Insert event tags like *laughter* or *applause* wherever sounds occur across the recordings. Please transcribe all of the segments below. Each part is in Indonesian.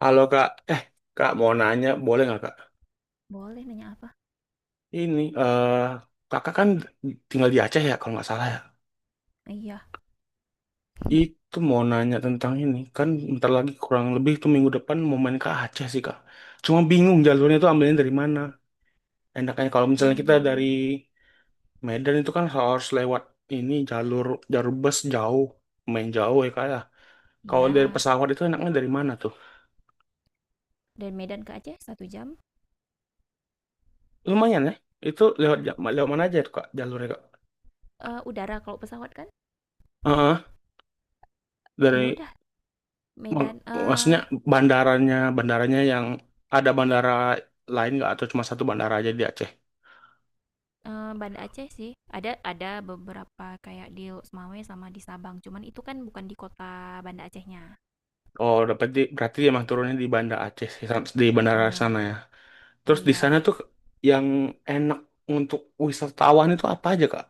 Halo kak, kak mau nanya boleh nggak kak? Boleh nanya apa? Ini kakak kan tinggal di Aceh ya kalau nggak salah ya. Iya. Itu *laughs* mau nanya tentang ini kan bentar lagi kurang lebih tuh minggu depan mau main ke Aceh sih kak. Cuma bingung jalurnya Asik. itu ambilnya dari mana. Enaknya kalau misalnya kita dari Mmm, Medan itu kan harus lewat ini jalur jalur bus jauh, main jauh ya kak ya. Kalau dari ya, pesawat itu enaknya dari mana tuh? dari Medan ke Aceh 1 jam, Lumayan ya. Itu lewat mana aja tuh kak jalurnya kak? Udara kalau pesawat kan? Heeh, Ya dari udah Mak- Medan Maksudnya eee bandaranya yang ada bandara lain nggak atau cuma satu bandara aja di Aceh? eee, Banda Aceh sih. Ada beberapa kayak di Lok sama di Sabang, cuman itu kan bukan di kota Banda Acehnya. Oh, dapat di, berarti emang turunnya di Banda Aceh sih, di bandara Heeh, sana ya. Terus di sana iya, tuh yang enak untuk wisatawan itu apa aja, Kak?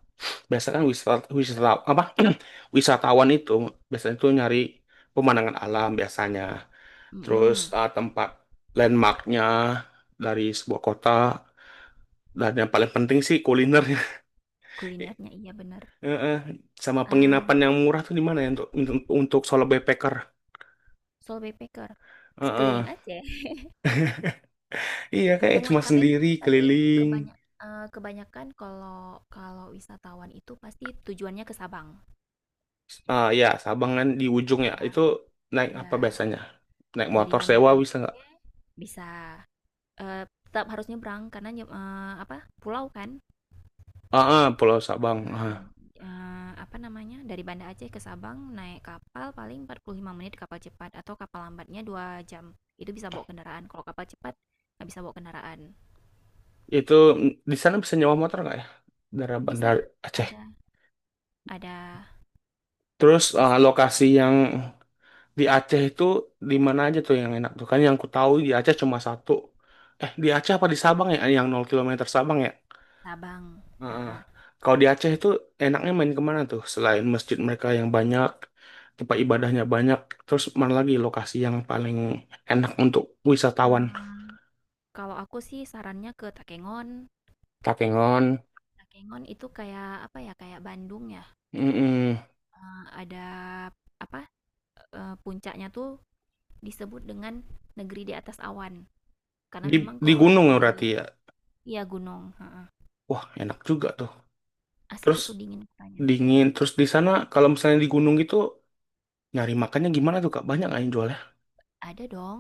Biasanya kan wisata apa? *clears throat* Wisatawan itu biasanya tuh nyari pemandangan alam biasanya. Terus mhm, tempat landmarknya dari sebuah kota dan yang paling penting sih kulinernya. *laughs* kulinernya iya bener. Eh, eh. Sama Eee, penginapan yang murah tuh di mana ya untuk solo backpacker? Soul Backpacker, Eh, sekeliling eh. Aceh. Iya kayak Semua cuma tapi sendiri tapi keliling. kebanyak kebanyakan kalau kalau wisatawan itu pasti tujuannya ke Sabang. Ah ya Sabang kan di ujung ya itu Sabang. naik apa Iya, biasanya? Naik dari motor Banda sewa bisa nggak? Aceh bisa eh, tetap harus nyebrang karena eh, apa? Pulau kan. Ah ah, Pulau Sabang. Ah. Eh, apa namanya? Dari Banda Aceh ke Sabang naik kapal paling 45 menit kapal cepat atau kapal lambatnya 2 jam. Itu bisa bawa kendaraan. Kalau kapal cepat nggak bisa bawa kendaraan. Itu di sana bisa nyewa motor nggak ya? Dari Bisa Bandar Aceh. ada ada Terus bisa lokasi yang di Aceh itu di mana aja tuh yang enak tuh kan? Yang ku tahu di Aceh cuma satu. Eh, di Aceh apa di Sabang ya? Yang nol kilometer Sabang ya? Sabang. Heeh. Heeh. Kalau di Aceh itu enaknya main kemana tuh? Selain masjid mereka yang banyak, tempat ibadahnya banyak, terus mana lagi lokasi yang paling enak untuk wisatawan? Eh, kalau aku sih sarannya ke Takengon. Takengon, Takengon itu kayak apa ya, kayak Bandung ya. mm Eh, ada apa? Puncaknya tuh disebut dengan negeri di atas awan. Karena di memang kalau gunung ya lagi berarti ya. iya gunung, heeh. Wah, enak juga tuh. Asik Terus itu dingin kotanya. dingin, terus di sana kalau misalnya di gunung gitu nyari makannya gimana tuh Kak? Banyak nggak yang jualnya? Ada dong.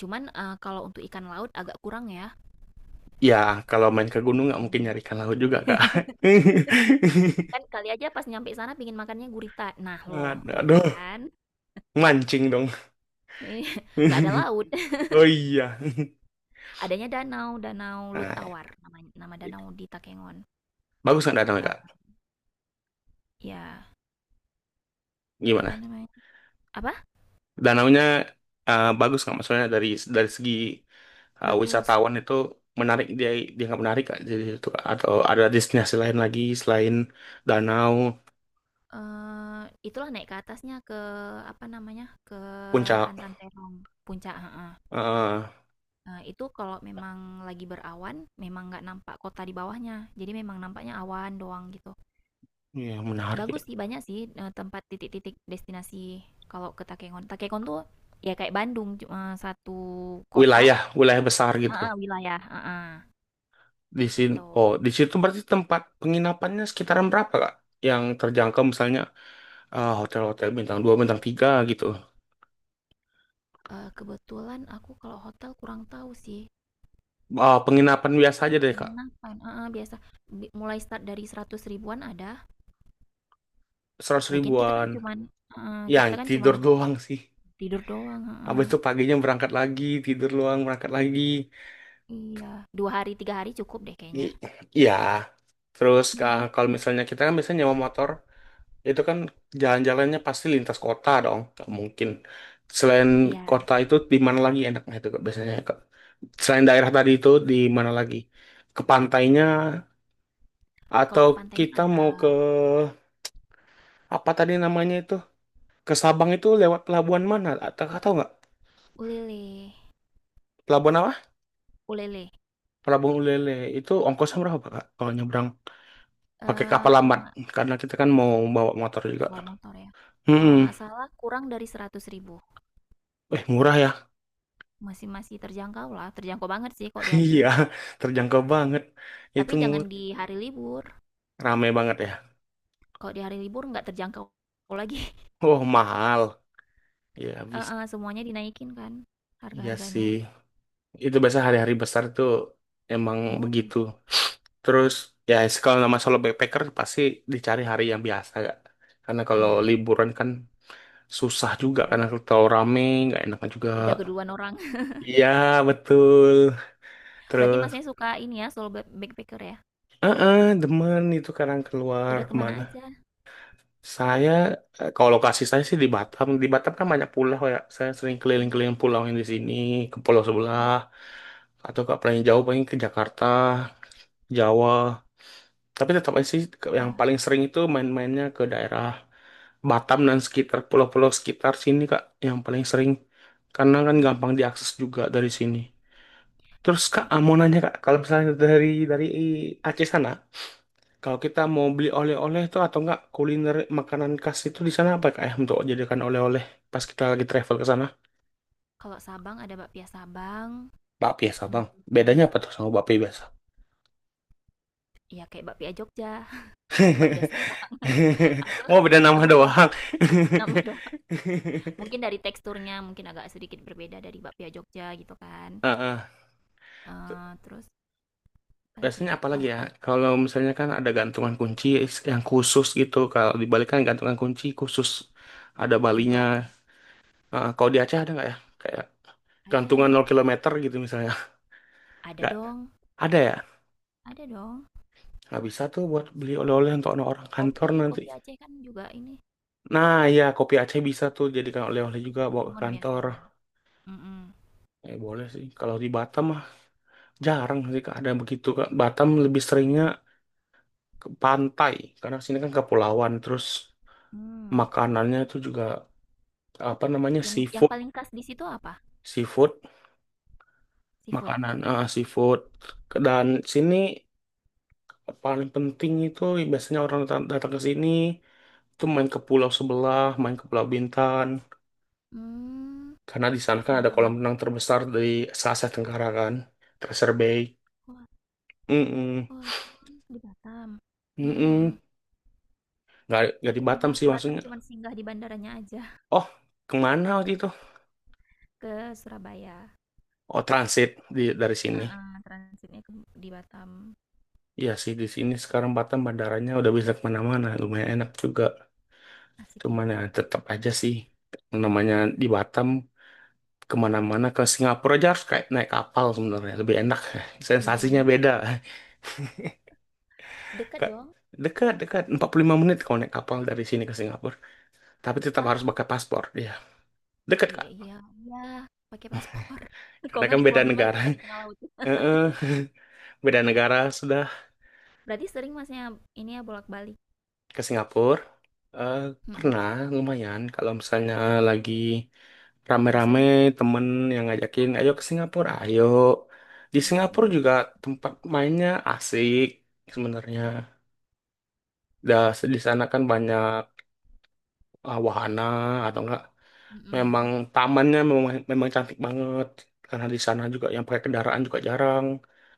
Cuman kalau untuk ikan laut agak kurang ya. Ya, kalau main ke gunung nggak mungkin Heeh. nyari ikan laut juga Kak. Kan *laughs* kali aja pas nyampe sana pingin makannya gurita. Nah, loh gitu Aduh, kan. mancing dong. *laughs* Iya, *laughs* nggak ada laut. *laughs* Oh iya. Adanya danau, danau Nah, Lutawar namanya, nama danau di Takengon. bagus nggak danaunya Eh, kak? Ya. Gimana? Apa namanya? Apa? Danaunya bagus nggak? Maksudnya dari segi Bagus. wisatawan itu menarik dia dia nggak menarik kak? Jadi itu Kak, atau ada destinasi lain lagi selain danau, Itulah naik ke atasnya, ke apa namanya, ke puncak, Pantan Terong, puncak heeh. eh Nah, itu kalau memang lagi berawan, memang nggak nampak kota di bawahnya, jadi memang nampaknya awan doang gitu. yang menarik ya. Bagus sih, banyak sih, tempat titik-titik destinasi kalau ke Takengon. Takengon tuh ya kayak Bandung, cuma satu kota Wilayah wilayah besar gitu. heeh, wilayah heeh, Di sini gitu. oh di situ berarti tempat penginapannya sekitaran berapa kak? Yang terjangkau misalnya hotel-hotel bintang 2 bintang 3 gitu. Kebetulan aku kalau hotel kurang tahu sih. Eh, penginapan biasa aja deh kak. Penginapan, heeh, biasa mulai start dari 100 ribuan ada, 100 lagian kita kan ribuan. cuman heeh, Yang kita kan cuman tidur doang sih. tidur doang, Habis heeh. itu paginya berangkat lagi, tidur luang berangkat lagi. Iya, 2 hari, 3 hari cukup deh kayaknya. I- Iya. Terus kalau *laughs* misalnya kita kan biasanya nyewa motor, itu kan jalan-jalannya pasti lintas kota dong, nggak mungkin. Selain Iya, kota itu di mana lagi enaknya itu Kak, biasanya Kak? Selain daerah tadi itu di mana lagi? Ke pantainya kalau atau ke pantainya kita ada mau ke apa tadi namanya itu? Ke Sabang itu lewat pelabuhan mana? Atau tahu nggak? ulele Pelabuhan apa? ulele, Pelabuhan Ulele itu ongkosnya berapa Kak? Kalau nyebrang pakai eee, kapal kalau lambat nggak karena kita kan mau bawa motor juga. bawa motor ya. Kalau Hmm, nggak salah kurang dari 100 ribu murah ya? *laughs* masih masih terjangkau lah, terjangkau banget sih kok di Iya, Aceh, terjangkau banget. Itu tapi jangan murah, di hari libur, rame banget ya. kalau di hari libur nggak terjangkau lagi Oh mahal, ya *laughs* habis. heeh, semuanya dinaikin kan Iya sih, harga-harganya. itu biasa hari-hari besar tuh emang Oh. begitu. Terus ya kalau nama solo backpacker pasti dicari hari yang biasa gak? Karena kalau Iya, liburan kan susah juga udah karena kalau rame nggak enak juga. udah keduluan orang. *laughs* Iya betul. Berarti Terus, Masnya suka ini ya, solo backpacker ya? Demen itu kadang keluar Udah kemana kemana. aja? Saya kalau lokasi saya sih di Batam. Di Batam kan banyak pulau ya. Saya sering Iya, keliling-keliling pulau yang di sini, ke pulau sebelah, wih, atau ke paling jauh paling ke Jakarta, Jawa. Tapi tetap aja sih yang udah, paling sering itu main-mainnya ke daerah Batam dan sekitar pulau-pulau sekitar sini Kak, yang paling sering. Karena kan wih. gampang diakses juga dari sini. Terus Kak, ah, mau nanya Kak, kalau misalnya dari Aceh sana, kalau kita mau beli oleh-oleh tuh atau enggak kuliner makanan khas itu di sana apa kak ya untuk jadikan oleh-oleh pas kita lagi travel ke sana? Kalau Sabang ada bakpia Sabang, Bakpia sama. hmm, Bedanya apa tuh sama bakpia biasa? ya kayak bakpia Jogja, *laughs* bakpia *laughs* Sabang. Aku Mau beda nama aku kurang doang. tahu *laughs* nama doang. Mungkin dari teksturnya mungkin agak sedikit berbeda dari bakpia Jogja gitu kan. Ah, ah. Eh, terus apa lagi Biasanya ya? apa lagi Kalau ya? Kalau misalnya kan ada gantungan kunci yang khusus gitu. Kalau dibalikkan gantungan kunci khusus ada pintu balinya. Aceh Heeh, kalau di Aceh ada nggak ya? Kayak gantungan ada, 0 kilometer gitu misalnya. ada Nggak dong, ada ya? ada dong. Nggak bisa tuh buat beli oleh-oleh untuk orang kantor nanti. Kopi Aceh kan juga ini Nah, ya kopi Aceh bisa tuh jadikan oleh-oleh kopi juga pakai bawa ke ngon kantor. biasanya. Mm-mm. Eh, boleh sih. Kalau di Batam mah jarang sih Kak, ada begitu Kak. Batam lebih seringnya ke pantai karena sini kan kepulauan, terus Hmm. makanannya tuh juga apa namanya Yang seafood, paling khas di situ apa? seafood, Seafood? makanan seafood. Dan sini paling penting itu biasanya orang datang datang ke sini tuh main ke pulau sebelah, main ke Pulau Bintan. Mmm, Karena di sana kan ada nyebrang kolam laut. renang terbesar dari se Asia Tenggara kan, Tracer Bay. Wah Mm-mm. wah, oh, di Batam. Mhm mhm. Mm-mm. Nggak di Aku Batam pernah sih ke Batam maksudnya. cuman singgah di bandaranya aja, Oh, kemana waktu itu? *laughs* ke Surabaya. Oh, transit di, dari sini. Heeh, transitnya ke di Batam. Iya sih, di sini sekarang Batam bandaranya udah bisa kemana-mana. Lumayan enak juga. Asik ya, Cuman ya tetap aja sih. Namanya di Batam, kemana-mana ke Singapura aja harus kayak naik kapal sebenarnya. Lebih enak. *laughs* Sensasinya nyebrangnya. beda. *laughs* Dekat Ke- dong. Dekat, dekat. 45 menit kalau naik kapal dari sini ke Singapura. Tapi tetap Lah? harus pakai paspor. Ya, Deket, Iya Kak. iya iya, pakai paspor. *laughs* Kok Karena nggak kan beda dipulangin balik negara. kita *laughs* di tengah laut. Heeh. Beda negara sudah Berarti sering Masnya ini ya bolak-balik? ke Singapura. Eh, Mhm, pernah lumayan kalau misalnya lagi rame-rame bosen? temen yang ngajakin Oh, ayo ke Singapura, ayo di ayo Singapura nyebrang. juga tempat mainnya asik sebenarnya dah. Di sana kan banyak wahana atau enggak memang Mhm. tamannya memang cantik banget, karena di sana juga yang pakai kendaraan juga jarang,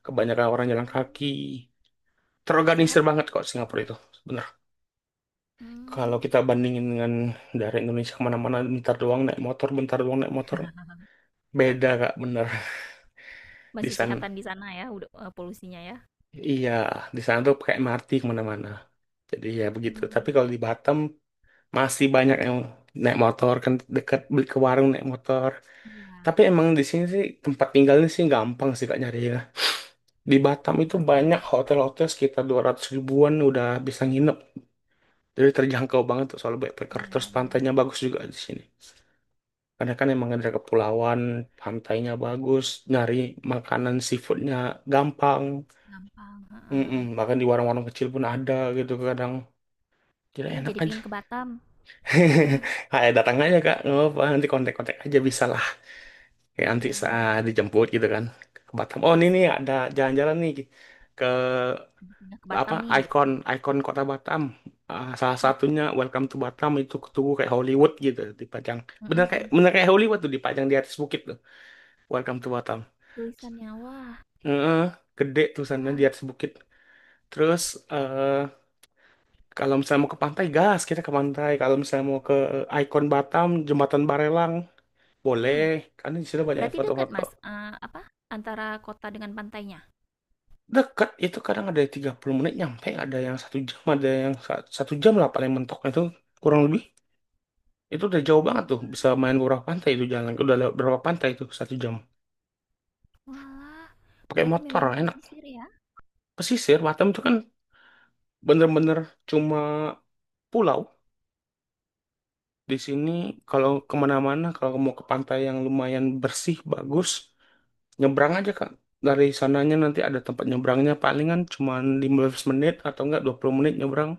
kebanyakan orang jalan Oh, kaki, sehat terorganisir ya? banget kok Singapura itu bener. Kalau Mmm. kita bandingin dengan dari Indonesia, kemana-mana bentar doang naik motor, bentar doang naik motor, beda kak bener. *laughs* Di Masih sana sehatan di sana ya, udah polusinya ya? iya, di sana tuh pakai MRT kemana-mana, jadi ya begitu. Tapi Mmm, kalau di Batam masih banyak yang naik motor kan, dekat beli ke warung naik motor. iya, Tapi emang di sini sih tempat tinggalnya sih gampang sih kak nyari ya, di Batam itu Nggak se banyak hotel-hotel, sekitar 200 ribuan udah bisa nginep, jadi terjangkau banget tuh soal backpacker. iya Terus iya, pantainya bagus juga di sini. Karena kan emang ada heeh, kepulauan, pantainya bagus, nyari makanan seafoodnya gampang. gampang. Mm-mm, Heeh. bahkan di warung-warung kecil pun ada gitu kadang. Jadi Ih, enak jadi aja. pingin ke Batam. *laughs* Kayak datang aja kak, nggak apa-apa. Nanti kontak-kontak aja bisa lah. Kayak nanti Boleh saat boleh. dijemput gitu kan ke Batam. Oh ini nih Asik, ada jalan-jalan nih ke habis pindah ke apa Batam nih gitu. ikon ikon kota Batam. Ah, salah Asik. satunya Welcome to Batam itu tugu kayak Hollywood gitu dipajang. Mhm Bener kayak mhm. Hollywood tuh dipajang di atas bukit tuh. Welcome to Batam. Tulisannya, wah. Heeh, gede tulisannya di Wah. atas bukit. Terus eh kalau misalnya mau ke pantai, gas kita ke pantai. Kalau misalnya mau ke ikon Batam, Jembatan Barelang, boleh. Mmm, Karena di situ banyak berarti dekat foto-foto. Mas, apa, antara kota dengan pantainya? Dekat itu kadang ada yang 30 menit nyampe, ada yang satu jam, ada yang satu jam lah paling mentoknya itu kurang lebih. Itu udah jauh banget tuh, bisa main ke beberapa pantai itu jalan. Udah lewat berapa pantai itu satu jam. Walah, Pakai berarti motor memang enak. pesisir ya? Pesisir Batam itu kan bener-bener cuma pulau. Di sini kalau kemana-mana, kalau mau ke pantai yang lumayan bersih, bagus, nyebrang aja Kak. Dari sananya nanti ada tempat nyebrangnya, palingan cuma 15 menit atau enggak 20 menit nyebrang.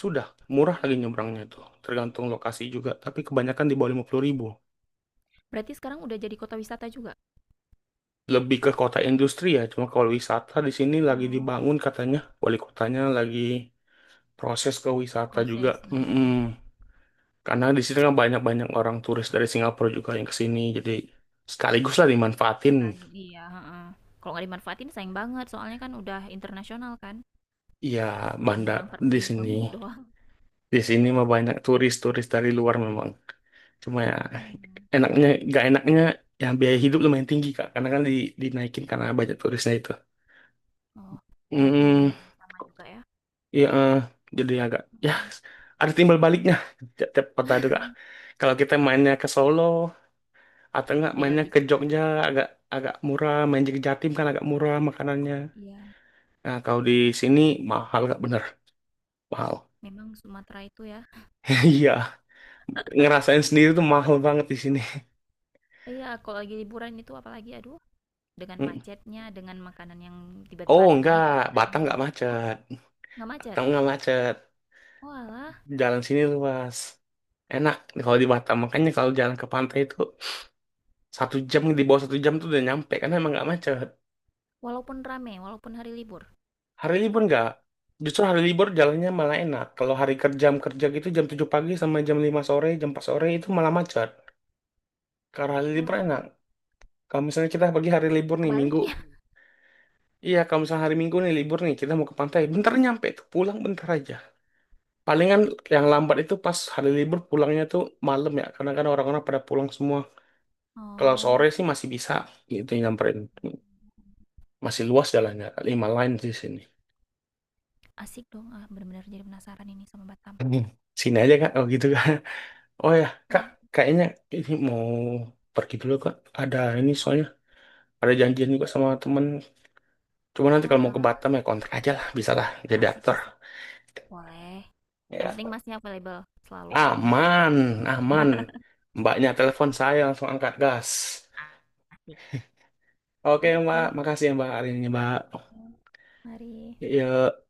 Sudah, murah lagi nyebrangnya itu. Tergantung lokasi juga, tapi kebanyakan di bawah 50 ribu. Berarti sekarang udah jadi kota wisata juga? Lebih ke kota industri ya, cuma kalau wisata di sini lagi Oh, dibangun katanya. Wali kotanya lagi proses ke wisata juga. proses, mhm mhm. Mm-mm. Karena di sini kan banyak-banyak orang turis dari Singapura juga yang ke sini, jadi sekaligus lah dimanfaatin. Kali iya. Heeh. Kalau nggak dimanfaatin sayang banget, soalnya kan udah internasional kan. Iya, Orang bandar nyebrang di 45 sini. menit doang. Di sini mah banyak turis-turis dari luar memang. Cuma ya Iya. enaknya, gak enaknya ya biaya hidup lumayan tinggi Kak. Karena kan dinaikin karena banyak turisnya itu. Oh, berarti Hmm, memang sama juga ya. iya, jadi agak ya Hmm, ada timbal baliknya tiap kota itu Kak. Kalau kita mainnya ke Solo atau enggak Beda mainnya lagi ke cerita. Jogja agak agak murah, main ke Jatim kan agak murah makanannya. Iya, Nah, kalau di sini mahal Kak, bener. Mahal. memang Sumatera itu ya. *laughs* Iya. Ngerasain sendiri tuh mahal banget di sini. Iya, kalau lagi liburan itu apalagi aduh, dengan Mm. macetnya, dengan makanan yang tiba-tiba Oh naik enggak, Batam harganya. enggak Oh, macet. nggak macet. Batam enggak macet. Walah, Jalan sini luas. Enak kalau di Batam. Makanya kalau jalan ke pantai itu satu jam di bawah satu jam tuh udah nyampe karena emang enggak macet. walaupun rame, walaupun hari libur. Hari libur enggak. Justru hari libur jalannya malah enak. Kalau hari kerja jam kerja gitu jam 7 pagi sama jam 5 sore, jam 4 sore itu malah macet. Karena hari libur Wah, enak. Kalau misalnya kita bagi hari libur kok nih kebalik minggu, ya? iya kalau misalnya hari minggu nih libur nih kita mau ke pantai, bentar Hmm. nyampe tuh pulang bentar aja. Palingan yang lambat itu pas hari libur pulangnya tuh malam ya, karena kan orang-orang pada pulang semua. Kalau sore Oh, sih masih bisa gitu nyamperin. Masih luas jalannya, 5 line di sini. asik dong. Ah, benar-benar jadi penasaran ini sama Batam. Hmm. Sini aja kak, oh gitu kak. Oh ya, kak, Ayo, kayaknya ini mau pergi dulu kak. Ada ini soalnya, oke. ada janjian juga sama temen. Cuma nanti Oh, kalau mau ke alah. Batam ya kontrak aja lah, bisa lah, jadi aktor. Asik-asik. Boleh. Yang Ya. penting masnya available selalu kok aku mau ke Aman, Batam. aman. Mbaknya telepon saya langsung angkat gas. Asik. Oke, Mbak. Oke. Makasih ya, Mbak, hari ini, Mbak. Mari. Yuk.